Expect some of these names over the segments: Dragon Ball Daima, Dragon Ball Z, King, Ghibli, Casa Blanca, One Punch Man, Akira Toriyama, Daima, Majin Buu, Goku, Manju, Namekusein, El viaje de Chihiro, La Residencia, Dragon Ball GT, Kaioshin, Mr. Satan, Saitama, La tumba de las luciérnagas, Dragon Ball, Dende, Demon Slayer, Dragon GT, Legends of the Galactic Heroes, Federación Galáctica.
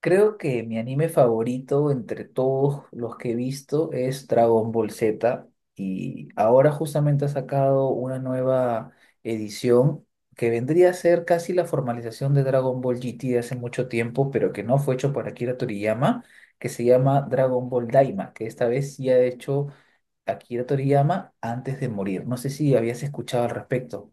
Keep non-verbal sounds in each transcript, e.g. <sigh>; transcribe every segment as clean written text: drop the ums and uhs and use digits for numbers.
Creo que mi anime favorito entre todos los que he visto es Dragon Ball Z y ahora justamente ha sacado una nueva edición que vendría a ser casi la formalización de Dragon Ball GT de hace mucho tiempo, pero que no fue hecho por Akira Toriyama, que se llama Dragon Ball Daima, que esta vez sí ha hecho Akira Toriyama antes de morir. No sé si habías escuchado al respecto.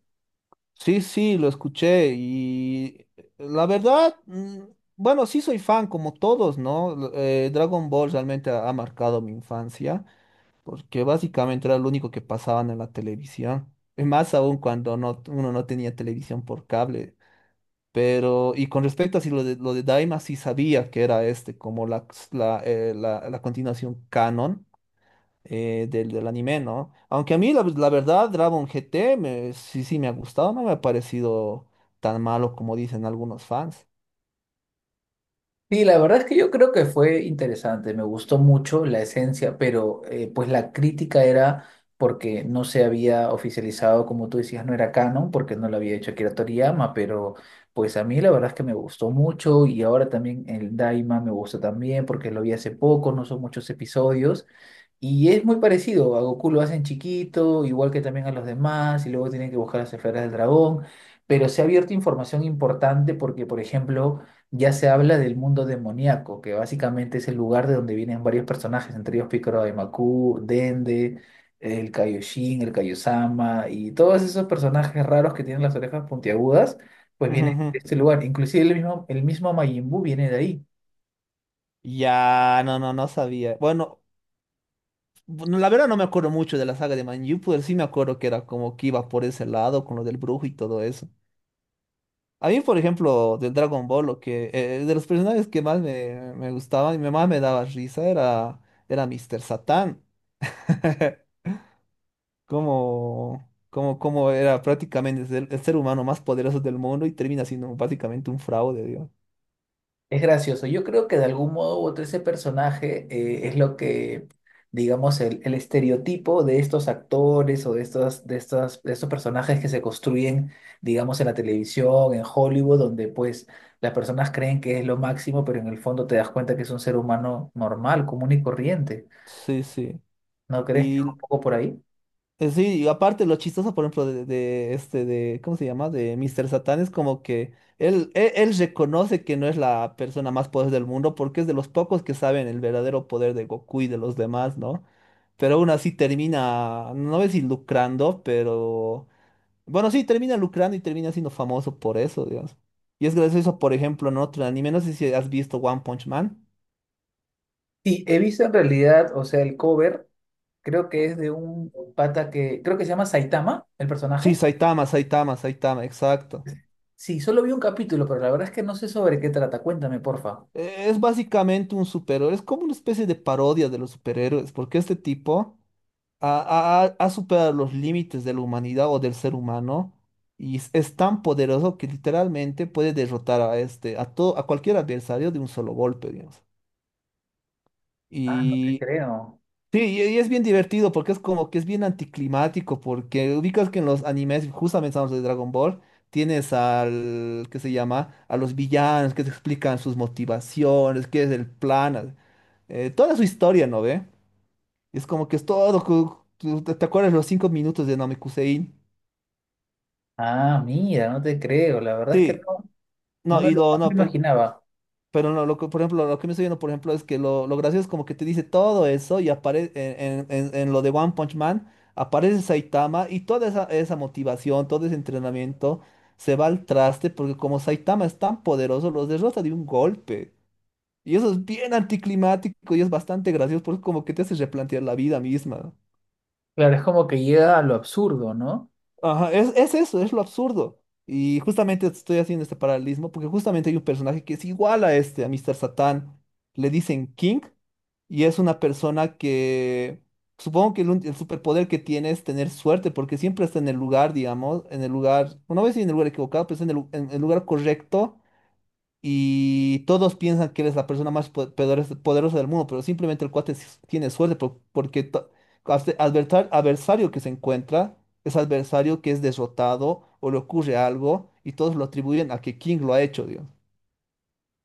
Sí, sí, lo escuché y la verdad, bueno, sí soy fan como todos, ¿no? Dragon Ball realmente ha marcado mi infancia porque básicamente era lo único que pasaban en la televisión, y más aún cuando no, uno no tenía televisión por cable. Con respecto a si lo de, lo de Daima, sí sabía que era este, como la continuación canon del anime, ¿no? Aunque a mí, la verdad, Dragon GT sí, sí me ha gustado, no me ha parecido tan malo como dicen algunos fans. Sí, la verdad es que yo creo que fue interesante, me gustó mucho la esencia, pero pues la crítica era porque no se había oficializado, como tú decías, no era canon, porque no lo había hecho Akira Toriyama, pero pues a mí la verdad es que me gustó mucho y ahora también el Daima me gusta también porque lo vi hace poco, no son muchos episodios. Y es muy parecido, a Goku lo hacen chiquito, igual que también a los demás, y luego tienen que buscar las esferas del dragón, pero se ha abierto información importante porque, por ejemplo, ya se habla del mundo demoníaco, que básicamente es el lugar de donde vienen varios personajes, entre ellos Picoro de Macu, Dende, el Kaioshin, el Kaiosama, y todos esos personajes raros que tienen las orejas puntiagudas, pues Ujú, vienen ujú. de este lugar. Inclusive el mismo Majin Buu viene de ahí. Ya, no, no, no sabía. Bueno, bueno, la verdad no me acuerdo mucho de la saga de Manju, pero sí me acuerdo que era como que iba por ese lado con lo del brujo y todo eso. A mí, por ejemplo, del Dragon Ball, de los personajes que más me gustaban y más me daba risa era Mr. Satan. <laughs> Cómo era prácticamente ser el ser humano más poderoso del mundo y termina siendo básicamente un fraude, Dios. Es gracioso. Yo creo que de algún modo u otro ese personaje es lo que, digamos, el estereotipo de estos actores o de estos, de estos personajes que se construyen, digamos, en la televisión, en Hollywood, donde pues las personas creen que es lo máximo, pero en el fondo te das cuenta que es un ser humano normal, común y corriente. Sí, sí. ¿No crees que Y va un poco por ahí? Sí, y aparte lo chistoso, por ejemplo, ¿cómo se llama? De Mr. Satan es como que él reconoce que no es la persona más poderosa del mundo porque es de los pocos que saben el verdadero poder de Goku y de los demás, ¿no? Pero aún así termina, no sé si lucrando, pero bueno, sí, termina lucrando y termina siendo famoso por eso, digamos. Y es gracias a eso, por ejemplo, en otro anime, no sé si has visto One Punch Man. Sí, he visto en realidad, o sea, el cover, creo que es de un pata que, creo que se llama Saitama, el Sí, personaje. Saitama, Saitama, Saitama, exacto. Sí, solo vi un capítulo, pero la verdad es que no sé sobre qué trata. Cuéntame, porfa. Es básicamente un superhéroe, es como una especie de parodia de los superhéroes, porque este tipo ha superado los límites de la humanidad o del ser humano y es tan poderoso que literalmente puede derrotar a a todo, a cualquier adversario de un solo golpe, digamos. Ah, no te creo. Sí, y es bien divertido porque es como que es bien anticlimático, porque ubicas que en los animes, justamente estamos de Dragon Ball, tienes al, ¿qué se llama? A los villanos que te explican sus motivaciones, qué es el plan, toda su historia, ¿no ve? Y es como que es todo, ¿te acuerdas los cinco minutos de Namekusein? Ah, mira, no te creo. La verdad es que Sí, no, no, y no lo, me lo no, pues, imaginaba. Pero no, por ejemplo, lo que me estoy viendo, por ejemplo, es que lo gracioso es como que te dice todo eso y aparece en lo de One Punch Man, aparece Saitama y toda esa motivación, todo ese entrenamiento se va al traste porque como Saitama es tan poderoso, los derrota de un golpe. Y eso es bien anticlimático y es bastante gracioso porque como que te hace replantear la vida misma. Claro, es como que llega a lo absurdo, ¿no? Ajá, es eso, es lo absurdo. Y justamente estoy haciendo este paralelismo porque justamente hay un personaje que es igual a este, a Mr. Satan. Le dicen King. Y es una persona que supongo que el superpoder que tiene es tener suerte, porque siempre está en el lugar, digamos, en el lugar, no voy a decir en el lugar equivocado, pero está en en el lugar correcto. Y todos piensan que él es la persona más poderosa del mundo, pero simplemente el cuate tiene suerte porque adversario que se encuentra es adversario que es derrotado o le ocurre algo y todos lo atribuyen a que King lo ha hecho, Dios.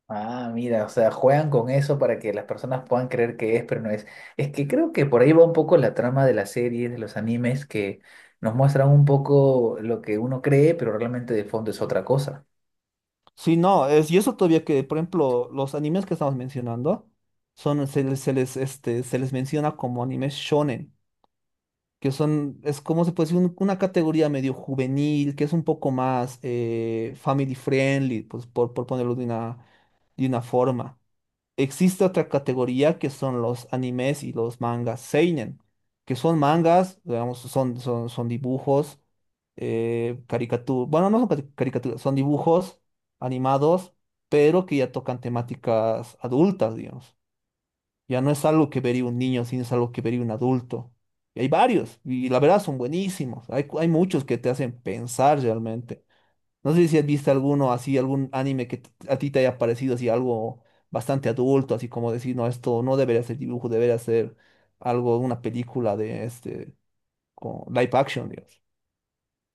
Ah, mira, o sea, juegan con eso para que las personas puedan creer que es, pero no es. Es que creo que por ahí va un poco la trama de las series, de los animes, que nos muestran un poco lo que uno cree, pero realmente de fondo es otra cosa. Sí, no, y eso todavía que, por ejemplo, los animes que estamos mencionando se les, este, se les menciona como animes shonen, es como se puede decir, una categoría medio juvenil, que es un poco más family friendly, pues por ponerlo de una forma. Existe otra categoría que son los animes y los mangas seinen, que son mangas, digamos, son dibujos, caricaturas, bueno, no son caricaturas, son dibujos animados, pero que ya tocan temáticas adultas, digamos. Ya no es algo que vería un niño, sino es algo que vería un adulto. Y hay varios, y la verdad son buenísimos. Hay, hay muchos que te hacen pensar realmente. No sé si has visto alguno así, algún anime que a ti te haya parecido así algo bastante adulto, así como decir, no, esto no debería ser dibujo, debería ser algo, una película de este, con live action, digamos.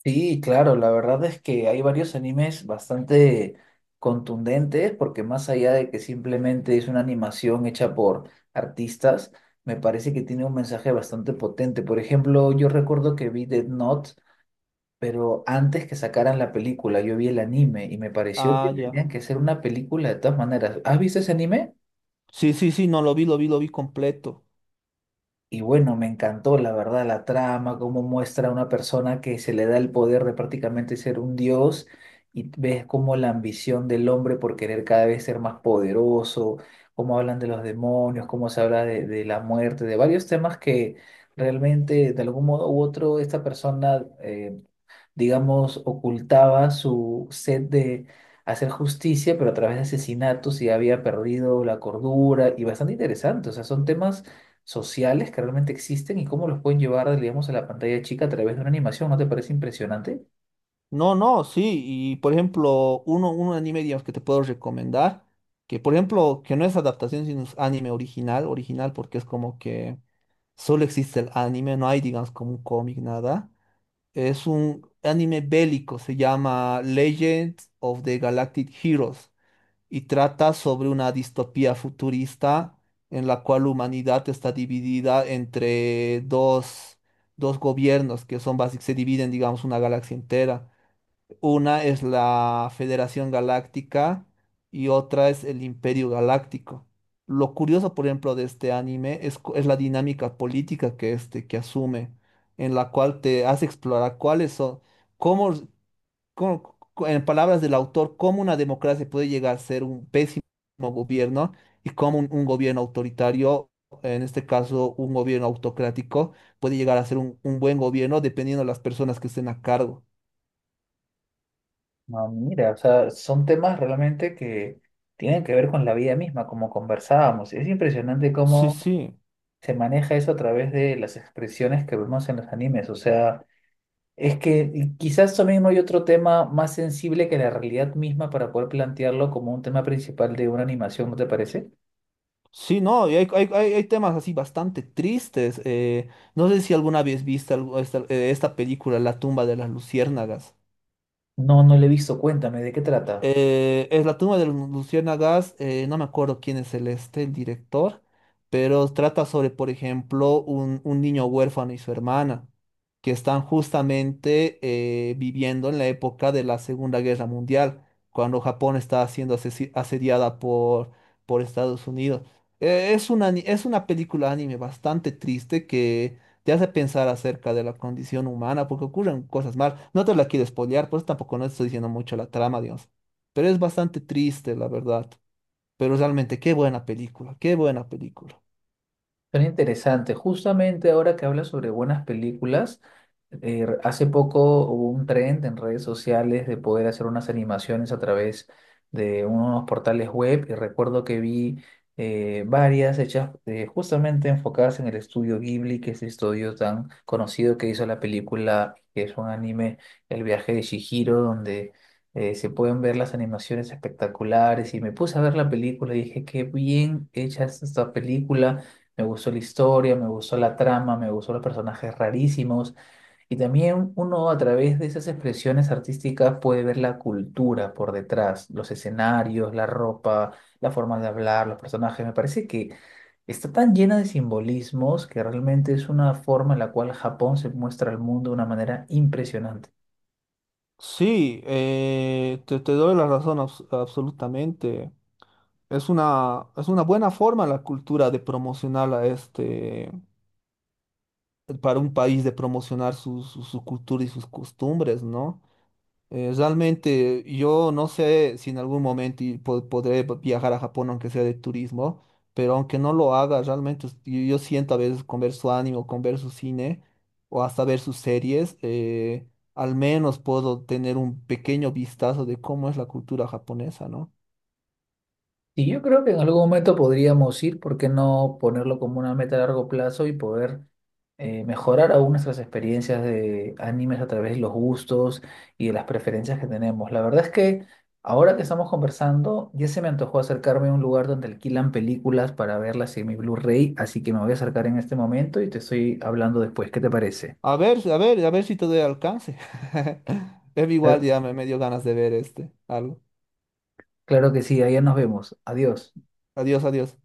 Sí, claro, la verdad es que hay varios animes bastante contundentes, porque más allá de que simplemente es una animación hecha por artistas, me parece que tiene un mensaje bastante potente. Por ejemplo, yo recuerdo que vi Death Note, pero antes que sacaran la película, yo vi el anime y me pareció que Ah, ya. tenían que hacer una película de todas maneras. ¿Has visto ese anime? Sí, sí, sí, no, lo vi, lo vi, lo vi completo. Y bueno, me encantó la verdad la trama, cómo muestra a una persona que se le da el poder de prácticamente ser un dios y ves cómo la ambición del hombre por querer cada vez ser más poderoso, cómo hablan de los demonios, cómo se habla de, la muerte, de varios temas que realmente de algún modo u otro esta persona digamos, ocultaba su sed de hacer justicia, pero a través de asesinatos y había perdido la cordura y bastante interesante. O sea, son temas sociales que realmente existen y cómo los pueden llevar, digamos, a la pantalla chica a través de una animación. ¿No te parece impresionante? No, no, sí, y por ejemplo, un anime, digamos, que te puedo recomendar, que por ejemplo, que no es adaptación, sino es anime original, original, porque es como que solo existe el anime, no hay, digamos, como un cómic, nada. Es un anime bélico, se llama Legends of the Galactic Heroes y trata sobre una distopía futurista en la cual la humanidad está dividida entre dos gobiernos que son básicamente, se dividen, digamos, una galaxia entera. Una es la Federación Galáctica y otra es el Imperio Galáctico. Lo curioso, por ejemplo, de este anime es la dinámica política que asume, en la cual te hace explorar cuáles son, cómo, en palabras del autor, cómo una democracia puede llegar a ser un pésimo gobierno y cómo un gobierno autoritario, en este caso un gobierno autocrático, puede llegar a ser un buen gobierno dependiendo de las personas que estén a cargo. No, mira, o sea, son temas realmente que tienen que ver con la vida misma, como conversábamos. Es impresionante Sí, cómo sí. se maneja eso a través de las expresiones que vemos en los animes. O sea, es que quizás eso mismo hay otro tema más sensible que la realidad misma para poder plantearlo como un tema principal de una animación, ¿no te parece? Sí, no, y hay temas así bastante tristes. No sé si alguna vez viste esta película, La tumba de las luciérnagas. No, no le he visto. Cuéntame, ¿de qué trata? Es la tumba de los luciérnagas, no me acuerdo quién es el este, el director, pero trata sobre, por ejemplo, un niño huérfano y su hermana, que están justamente viviendo en la época de la Segunda Guerra Mundial, cuando Japón está siendo asediada por Estados Unidos. Es una, es una película anime bastante triste que te hace pensar acerca de la condición humana, porque ocurren cosas mal. No te la quiero spoilear, por eso tampoco no estoy diciendo mucho la trama, dios. Pero es bastante triste, la verdad. Pero realmente, qué buena película, qué buena película. Suena interesante. Justamente ahora que hablas sobre buenas películas, hace poco hubo un trend en redes sociales de poder hacer unas animaciones a través de unos portales web y recuerdo que vi varias hechas justamente enfocadas en el estudio Ghibli, que es el estudio tan conocido que hizo la película, que es un anime, El viaje de Chihiro, donde se pueden ver las animaciones espectaculares y me puse a ver la película y dije, qué bien hecha es esta película, me gustó la historia, me gustó la trama, me gustó los personajes rarísimos y también uno a través de esas expresiones artísticas puede ver la cultura por detrás, los escenarios, la ropa, la forma de hablar, los personajes. Me parece que está tan llena de simbolismos que realmente es una forma en la cual Japón se muestra al mundo de una manera impresionante. Sí, te doy la razón absolutamente. Es una buena forma la cultura de promocionar a este, para un país de promocionar su cultura y sus costumbres, ¿no? Realmente yo no sé si en algún momento y podré viajar a Japón aunque sea de turismo, pero aunque no lo haga, realmente yo siento a veces con ver su anime o con ver su cine o hasta ver sus series, al menos puedo tener un pequeño vistazo de cómo es la cultura japonesa, ¿no? Y yo creo que en algún momento podríamos ir, ¿por qué no ponerlo como una meta a largo plazo y poder mejorar aún nuestras experiencias de animes a través de los gustos y de las preferencias que tenemos? La verdad es que ahora que estamos conversando, ya se me antojó acercarme a un lugar donde alquilan películas para verlas en mi Blu-ray, así que me voy a acercar en este momento y te estoy hablando después. ¿Qué te parece? A ver, a ver, a ver si te doy alcance. <laughs> Igual Claro. ya me dio ganas de ver este, algo. Claro que sí, allá nos vemos. Adiós. Adiós, adiós.